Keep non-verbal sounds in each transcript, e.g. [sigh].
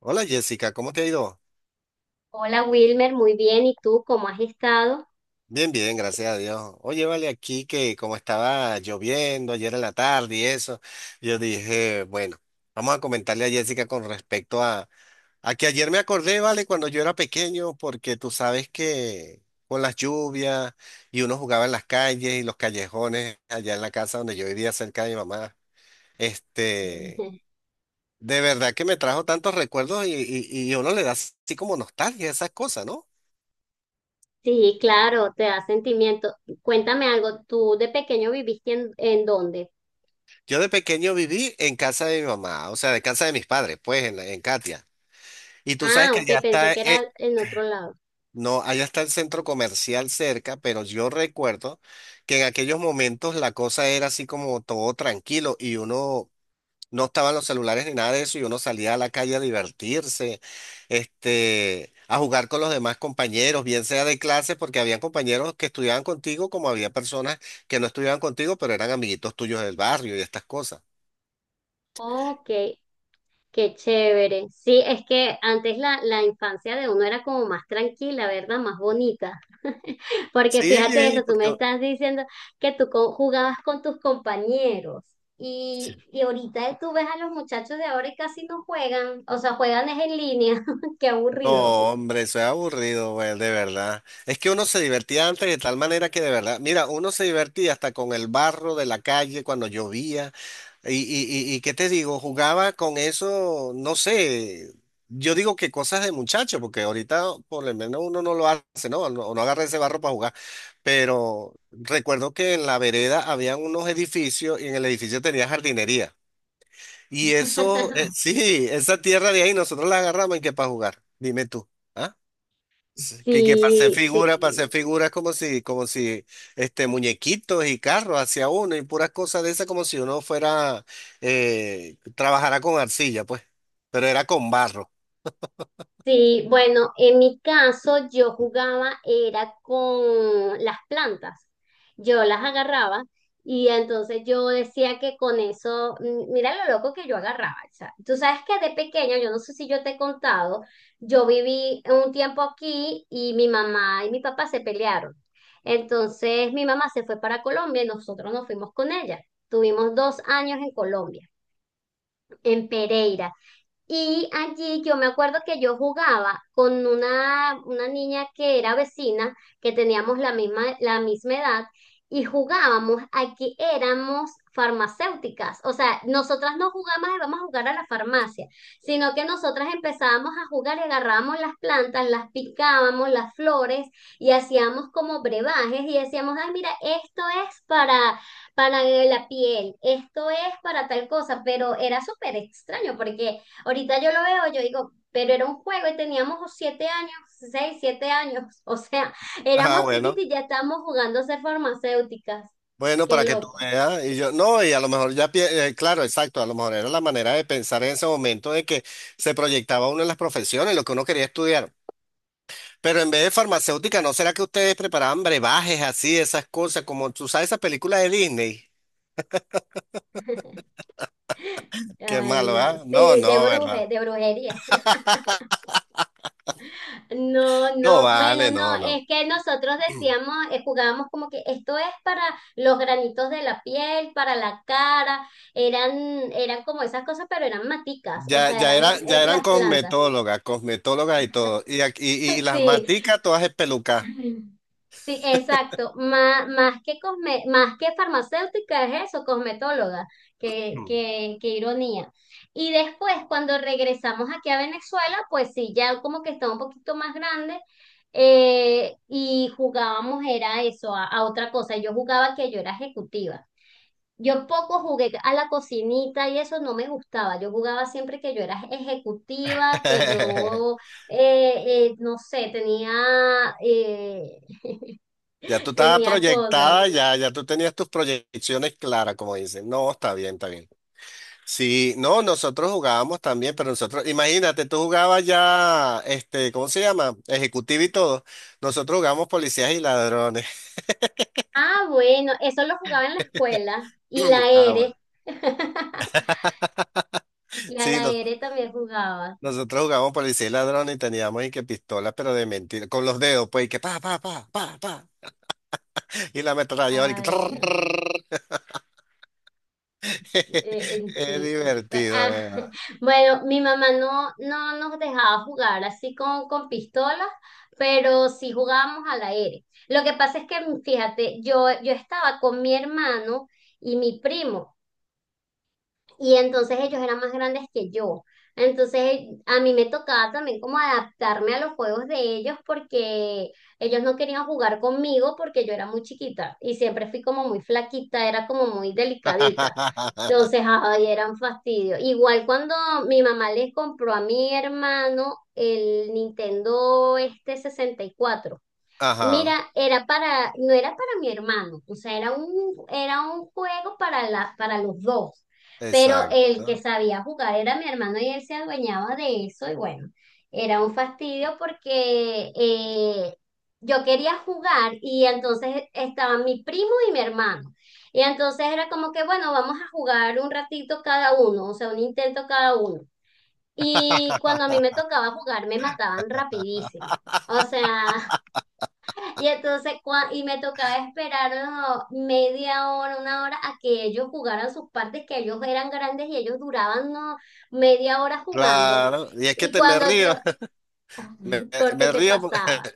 Hola Jessica, ¿cómo te ha ido? Hola Wilmer, muy bien. ¿Y tú cómo has estado? Bien, bien, gracias a Dios. Oye, vale, aquí que como estaba lloviendo ayer en la tarde y eso, yo dije, bueno, vamos a comentarle a Jessica con respecto a que ayer me acordé, vale, cuando yo era pequeño, porque tú sabes que con las lluvias y uno jugaba en las calles y los callejones allá en la casa donde yo vivía cerca de mi mamá, este, [laughs] de verdad que me trajo tantos recuerdos y uno le da así como nostalgia a esas cosas, ¿no? Sí, claro, te da sentimiento. Cuéntame algo, ¿tú de pequeño viviste en dónde? Yo de pequeño viví en casa de mi mamá, o sea, de casa de mis padres, pues, en Katia. Y tú sabes Ah, que ok, allá pensé está, que era en otro lado. no, allá está el centro comercial cerca, pero yo recuerdo que en aquellos momentos la cosa era así como todo tranquilo y uno no estaban los celulares ni nada de eso y uno salía a la calle a divertirse, a jugar con los demás compañeros, bien sea de clase, porque habían compañeros que estudiaban contigo, como había personas que no estudiaban contigo, pero eran amiguitos tuyos del barrio y estas cosas. Ok. Qué chévere. Sí, es que antes la infancia de uno era como más tranquila, ¿verdad? Más bonita. [laughs] Porque fíjate Sí, eso, tú me porque estás diciendo que tú jugabas con tus compañeros y, sí. y ahorita tú ves a los muchachos de ahora y casi no juegan, o sea, juegan es en línea. [laughs] Qué aburrido. No, hombre, eso es aburrido, güey, de verdad. Es que uno se divertía antes de tal manera que de verdad, mira, uno se divertía hasta con el barro de la calle cuando llovía. Y qué te digo, jugaba con eso, no sé, yo digo que cosas de muchacho, porque ahorita por lo menos uno no lo hace, ¿no? No, no agarra ese barro para jugar. Pero recuerdo que en la vereda habían unos edificios y en el edificio tenía jardinería. Y eso, [laughs] sí, esa tierra de ahí nosotros la agarramos y que para jugar, dime tú. ¿Ah? Sí, que para hacer Sí, figuras, para hacer sí. figuras como si muñequitos y carros hacia uno y puras cosas de esas como si uno fuera, trabajara con arcilla, pues, pero era con barro. [laughs] Sí, bueno, en mi caso yo jugaba era con las plantas. Yo las agarraba y entonces yo decía que con eso, mira lo loco que yo agarraba. O sea, tú sabes que de pequeña, yo no sé si yo te he contado, yo viví un tiempo aquí y mi mamá y mi papá se pelearon. Entonces mi mamá se fue para Colombia y nosotros nos fuimos con ella. Tuvimos dos años en Colombia, en Pereira. Y allí yo me acuerdo que yo jugaba con una niña que era vecina, que teníamos la misma edad, y jugábamos a que éramos farmacéuticas. O sea, nosotras no jugábamos de vamos a jugar a la farmacia, sino que nosotras empezábamos a jugar y agarrábamos las plantas, las picábamos, las flores, y hacíamos como brebajes y decíamos, ay, mira, esto es para la piel, esto es para tal cosa, pero era súper extraño porque ahorita yo lo veo, yo digo, pero era un juego y teníamos 7 años, 6, 7 años. [laughs] O sea, Ah, éramos bueno, chiquitos y ya estábamos jugando a ser farmacéuticas. bueno, Qué para que tú loco. veas. Y yo, no, y a lo mejor ya, claro, exacto, a lo mejor era la manera de pensar en ese momento de que se proyectaba uno en las profesiones, lo que uno quería estudiar. Pero en vez de farmacéutica, ¿no será que ustedes preparaban brebajes así, esas cosas, como tú sabes esa película de Disney? Qué Ay, malo, no. ¿ah? No, Sí, no, ¿verdad? de brujería. No, No no, bueno, vale, no, no, es no. que nosotros [clears throat] decíamos, jugábamos como que esto es para los granitos de la piel, para la cara, eran, eran como esas cosas, pero eran maticas, o Ya, sea, ya eran eran, ya eran las plantas. cosmetólogas, cosmetólogas y todo. Y [laughs] las Sí. maticas todas espelucas. Sí, exacto. Más que más que farmacéutica es eso, cosmetóloga. Qué, Mm. qué, qué ironía. Y después, cuando regresamos aquí a Venezuela, pues sí, ya como que estaba un poquito más grande, y jugábamos, era eso, a otra cosa. Yo jugaba que yo era ejecutiva. Yo poco jugué a la cocinita y eso no me gustaba. Yo jugaba siempre que yo era ejecutiva, que yo, [laughs] no sé, eh, Ya tú estabas tenía cosas. proyectada, ya tú tenías tus proyecciones claras, como dicen. No, está bien, está bien. Sí, no, nosotros jugábamos también, pero nosotros, imagínate, tú jugabas ya, ¿cómo se llama? Ejecutivo y todo. Nosotros jugábamos policías y ladrones. Ah, bueno, eso lo jugaba en la escuela. Y la [clears throat] Ah, bueno. ere. [laughs] Y a Sí, la nos- ere también jugaba. nosotros jugábamos policía y ladrones y teníamos y que pistolas, pero de mentira, con los dedos, pues, y que pa, pa, pa, pa, pa. Y la ametralladora y que Ay, no. trrrr. [laughs] En Es sí. Pues, divertido, de ah, verdad. [laughs] Bueno, mi mamá no nos dejaba jugar así con pistolas, pero sí jugábamos a la ere. Lo que pasa es que, fíjate, yo estaba con mi hermano y mi primo. Y entonces ellos eran más grandes que yo. Entonces a mí me tocaba también como adaptarme a los juegos de ellos porque ellos no querían jugar conmigo porque yo era muy chiquita y siempre fui como muy flaquita, era como muy delicadita. [laughs] Entonces, ay, era un fastidio. Igual cuando mi mamá les compró a mi hermano el Nintendo este 64. Ajá, Mira, era para, no era para mi hermano, o sea, era un juego para los dos, pero el que exacto. sabía jugar era mi hermano y él se adueñaba de eso y bueno, era un fastidio porque yo quería jugar y entonces estaban mi primo y mi hermano. Y entonces era como que, bueno, vamos a jugar un ratito cada uno, o sea, un intento cada uno. Y cuando a mí me tocaba jugar, me mataban rapidísimo. O sea, y entonces, y me tocaba esperar, oh, media hora, una hora a que ellos jugaran sus partes, que ellos eran grandes y ellos duraban, no, media hora jugando. Claro, y es que Y te me cuando yo, río, me, [laughs] porque me te río. pasaba. [laughs]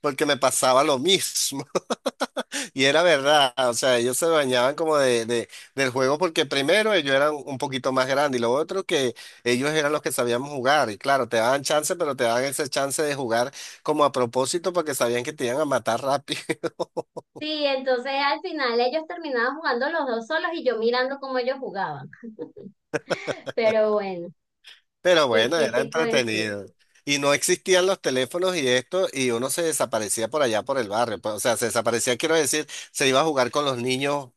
Porque me pasaba lo mismo. [laughs] Y era verdad, o sea, ellos se bañaban como del juego porque primero ellos eran un poquito más grandes y lo otro que ellos eran los que sabíamos jugar. Y claro, te daban chance, pero te daban ese chance de jugar como a propósito porque sabían que te iban a matar rápido. [laughs] Sí, entonces al final ellos terminaban jugando los dos solos y yo mirando cómo ellos jugaban. [laughs] Pero bueno, Pero ¿qué, bueno, qué era te puedo decir? entretenido. Y no existían los teléfonos y esto, y uno se desaparecía por allá por el barrio, pues, o sea, se desaparecía, quiero decir, se iba a jugar con los niños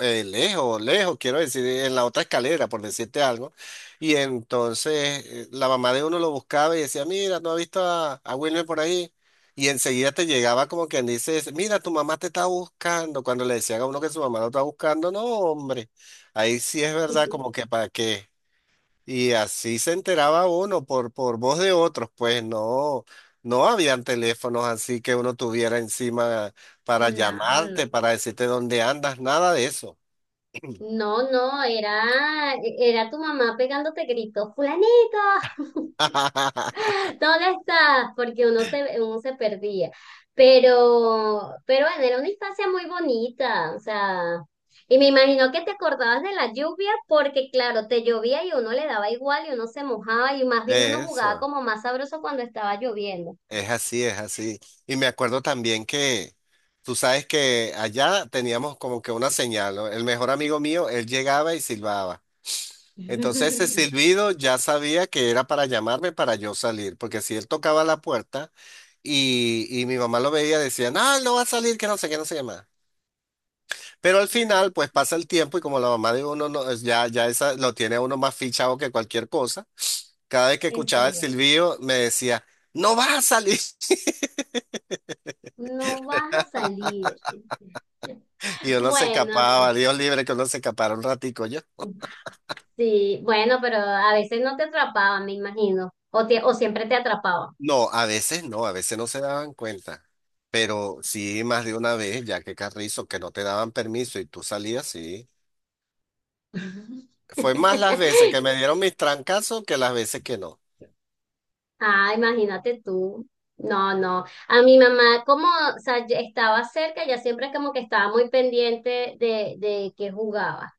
lejos, lejos, quiero decir, en la otra escalera, por decirte algo. Y entonces la mamá de uno lo buscaba y decía, mira, ¿no has visto a, Wilmer por ahí? Y enseguida te llegaba como quien dice, mira, tu mamá te está buscando. Cuando le decían a uno que su mamá lo está buscando, no, hombre, ahí sí es verdad, como [laughs] que para qué. Y así se enteraba uno por voz de otros, pues no, no habían teléfonos así que uno tuviera encima para No, no. llamarte, para decirte dónde andas, nada de eso. [clears throat] No, no, era, era tu mamá pegándote gritos, fulanito. [laughs] Molestas porque uno se perdía. Pero bueno, era una infancia muy bonita, o sea, y me imagino que te acordabas de la lluvia porque claro, te llovía y uno le daba igual y uno se mojaba y más bien uno jugaba Eso, como más sabroso cuando estaba lloviendo. es así, es así. Y me acuerdo también que tú sabes que allá teníamos como que una señal, ¿no? El mejor amigo mío, él llegaba y silbaba. Entonces ese [laughs] silbido ya sabía que era para llamarme para yo salir, porque si él tocaba la puerta y mi mamá lo veía, decía, no, él no va a salir, que no sé qué, no sé qué más. Pero al final, pues pasa el tiempo y como la mamá de uno no, ya esa, lo tiene a uno más fichado que cualquier cosa, cada vez que En escuchaba el serio, silbido me decía, no vas a salir. [laughs] no vas a salir. Y uno se Bueno, escapaba, Dios libre que uno se escapara un ratico yo. sí, bueno, pero a veces no te atrapaban, me imagino, o siempre te atrapaban. No, a veces no, a veces no se daban cuenta, pero sí más de una vez, ya que Carrizo, que no te daban permiso y tú salías, sí. Fue más las veces que [laughs] me dieron mis trancazos que las veces que no. Ah, imagínate tú. No, no. A mi mamá, como, o sea, ya estaba cerca, ya siempre como que estaba muy pendiente de que jugaba.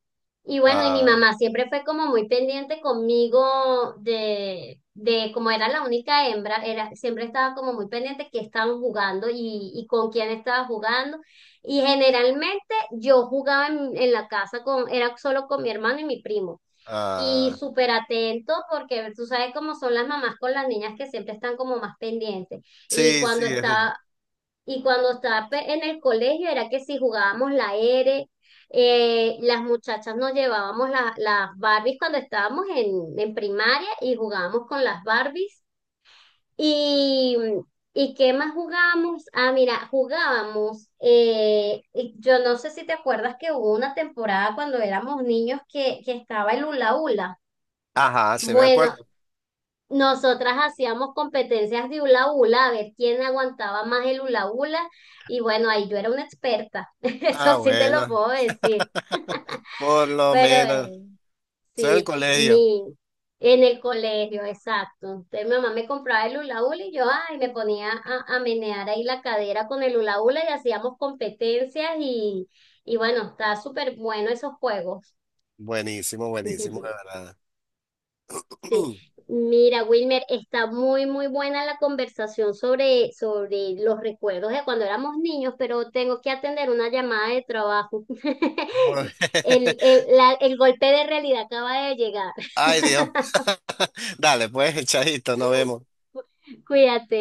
Y bueno, y mi Ah, mamá siempre fue como muy pendiente conmigo de como era la única hembra, era, siempre estaba como muy pendiente que estaban jugando y con quién estaba jugando. Y generalmente yo jugaba en la casa, era solo con mi hermano y mi primo. Y ah, súper atento porque tú sabes cómo son las mamás con las niñas que siempre están como más pendientes. Y sí, cuando sí, estaba, y cuando estaba en el colegio era que si jugábamos la R, las muchachas nos llevábamos las Barbies cuando estábamos en primaria y jugábamos con las Barbies. Y, ¿y qué más jugábamos? Ah, mira, jugábamos, y yo no sé si te acuerdas que hubo una temporada cuando éramos niños que estaba el hula hula. ajá, se me Bueno, acuerdo. nosotras hacíamos competencias de hula hula, a ver quién aguantaba más el hula hula, y bueno, ahí yo era una experta, [laughs] Ah, eso sí te lo bueno, puedo decir, por lo pero menos. Soy del sí, colegio. En el colegio, exacto. Entonces mi mamá me compraba el hula hula y yo, ay, me ponía a menear ahí la cadera con el hula hula y hacíamos competencias y bueno, está súper bueno esos juegos. Buenísimo, buenísimo, de [laughs] verdad. Sí, [clears throat] mira, Wilmer, está muy, muy buena la conversación sobre los recuerdos de cuando éramos niños, pero tengo que atender una llamada de trabajo. Bueno, [laughs] El, el, [laughs] la- el golpe de realidad acaba de llegar. Ay, Dios. [laughs] [laughs] Dale, pues, echadito, nos vemos. Cuídate.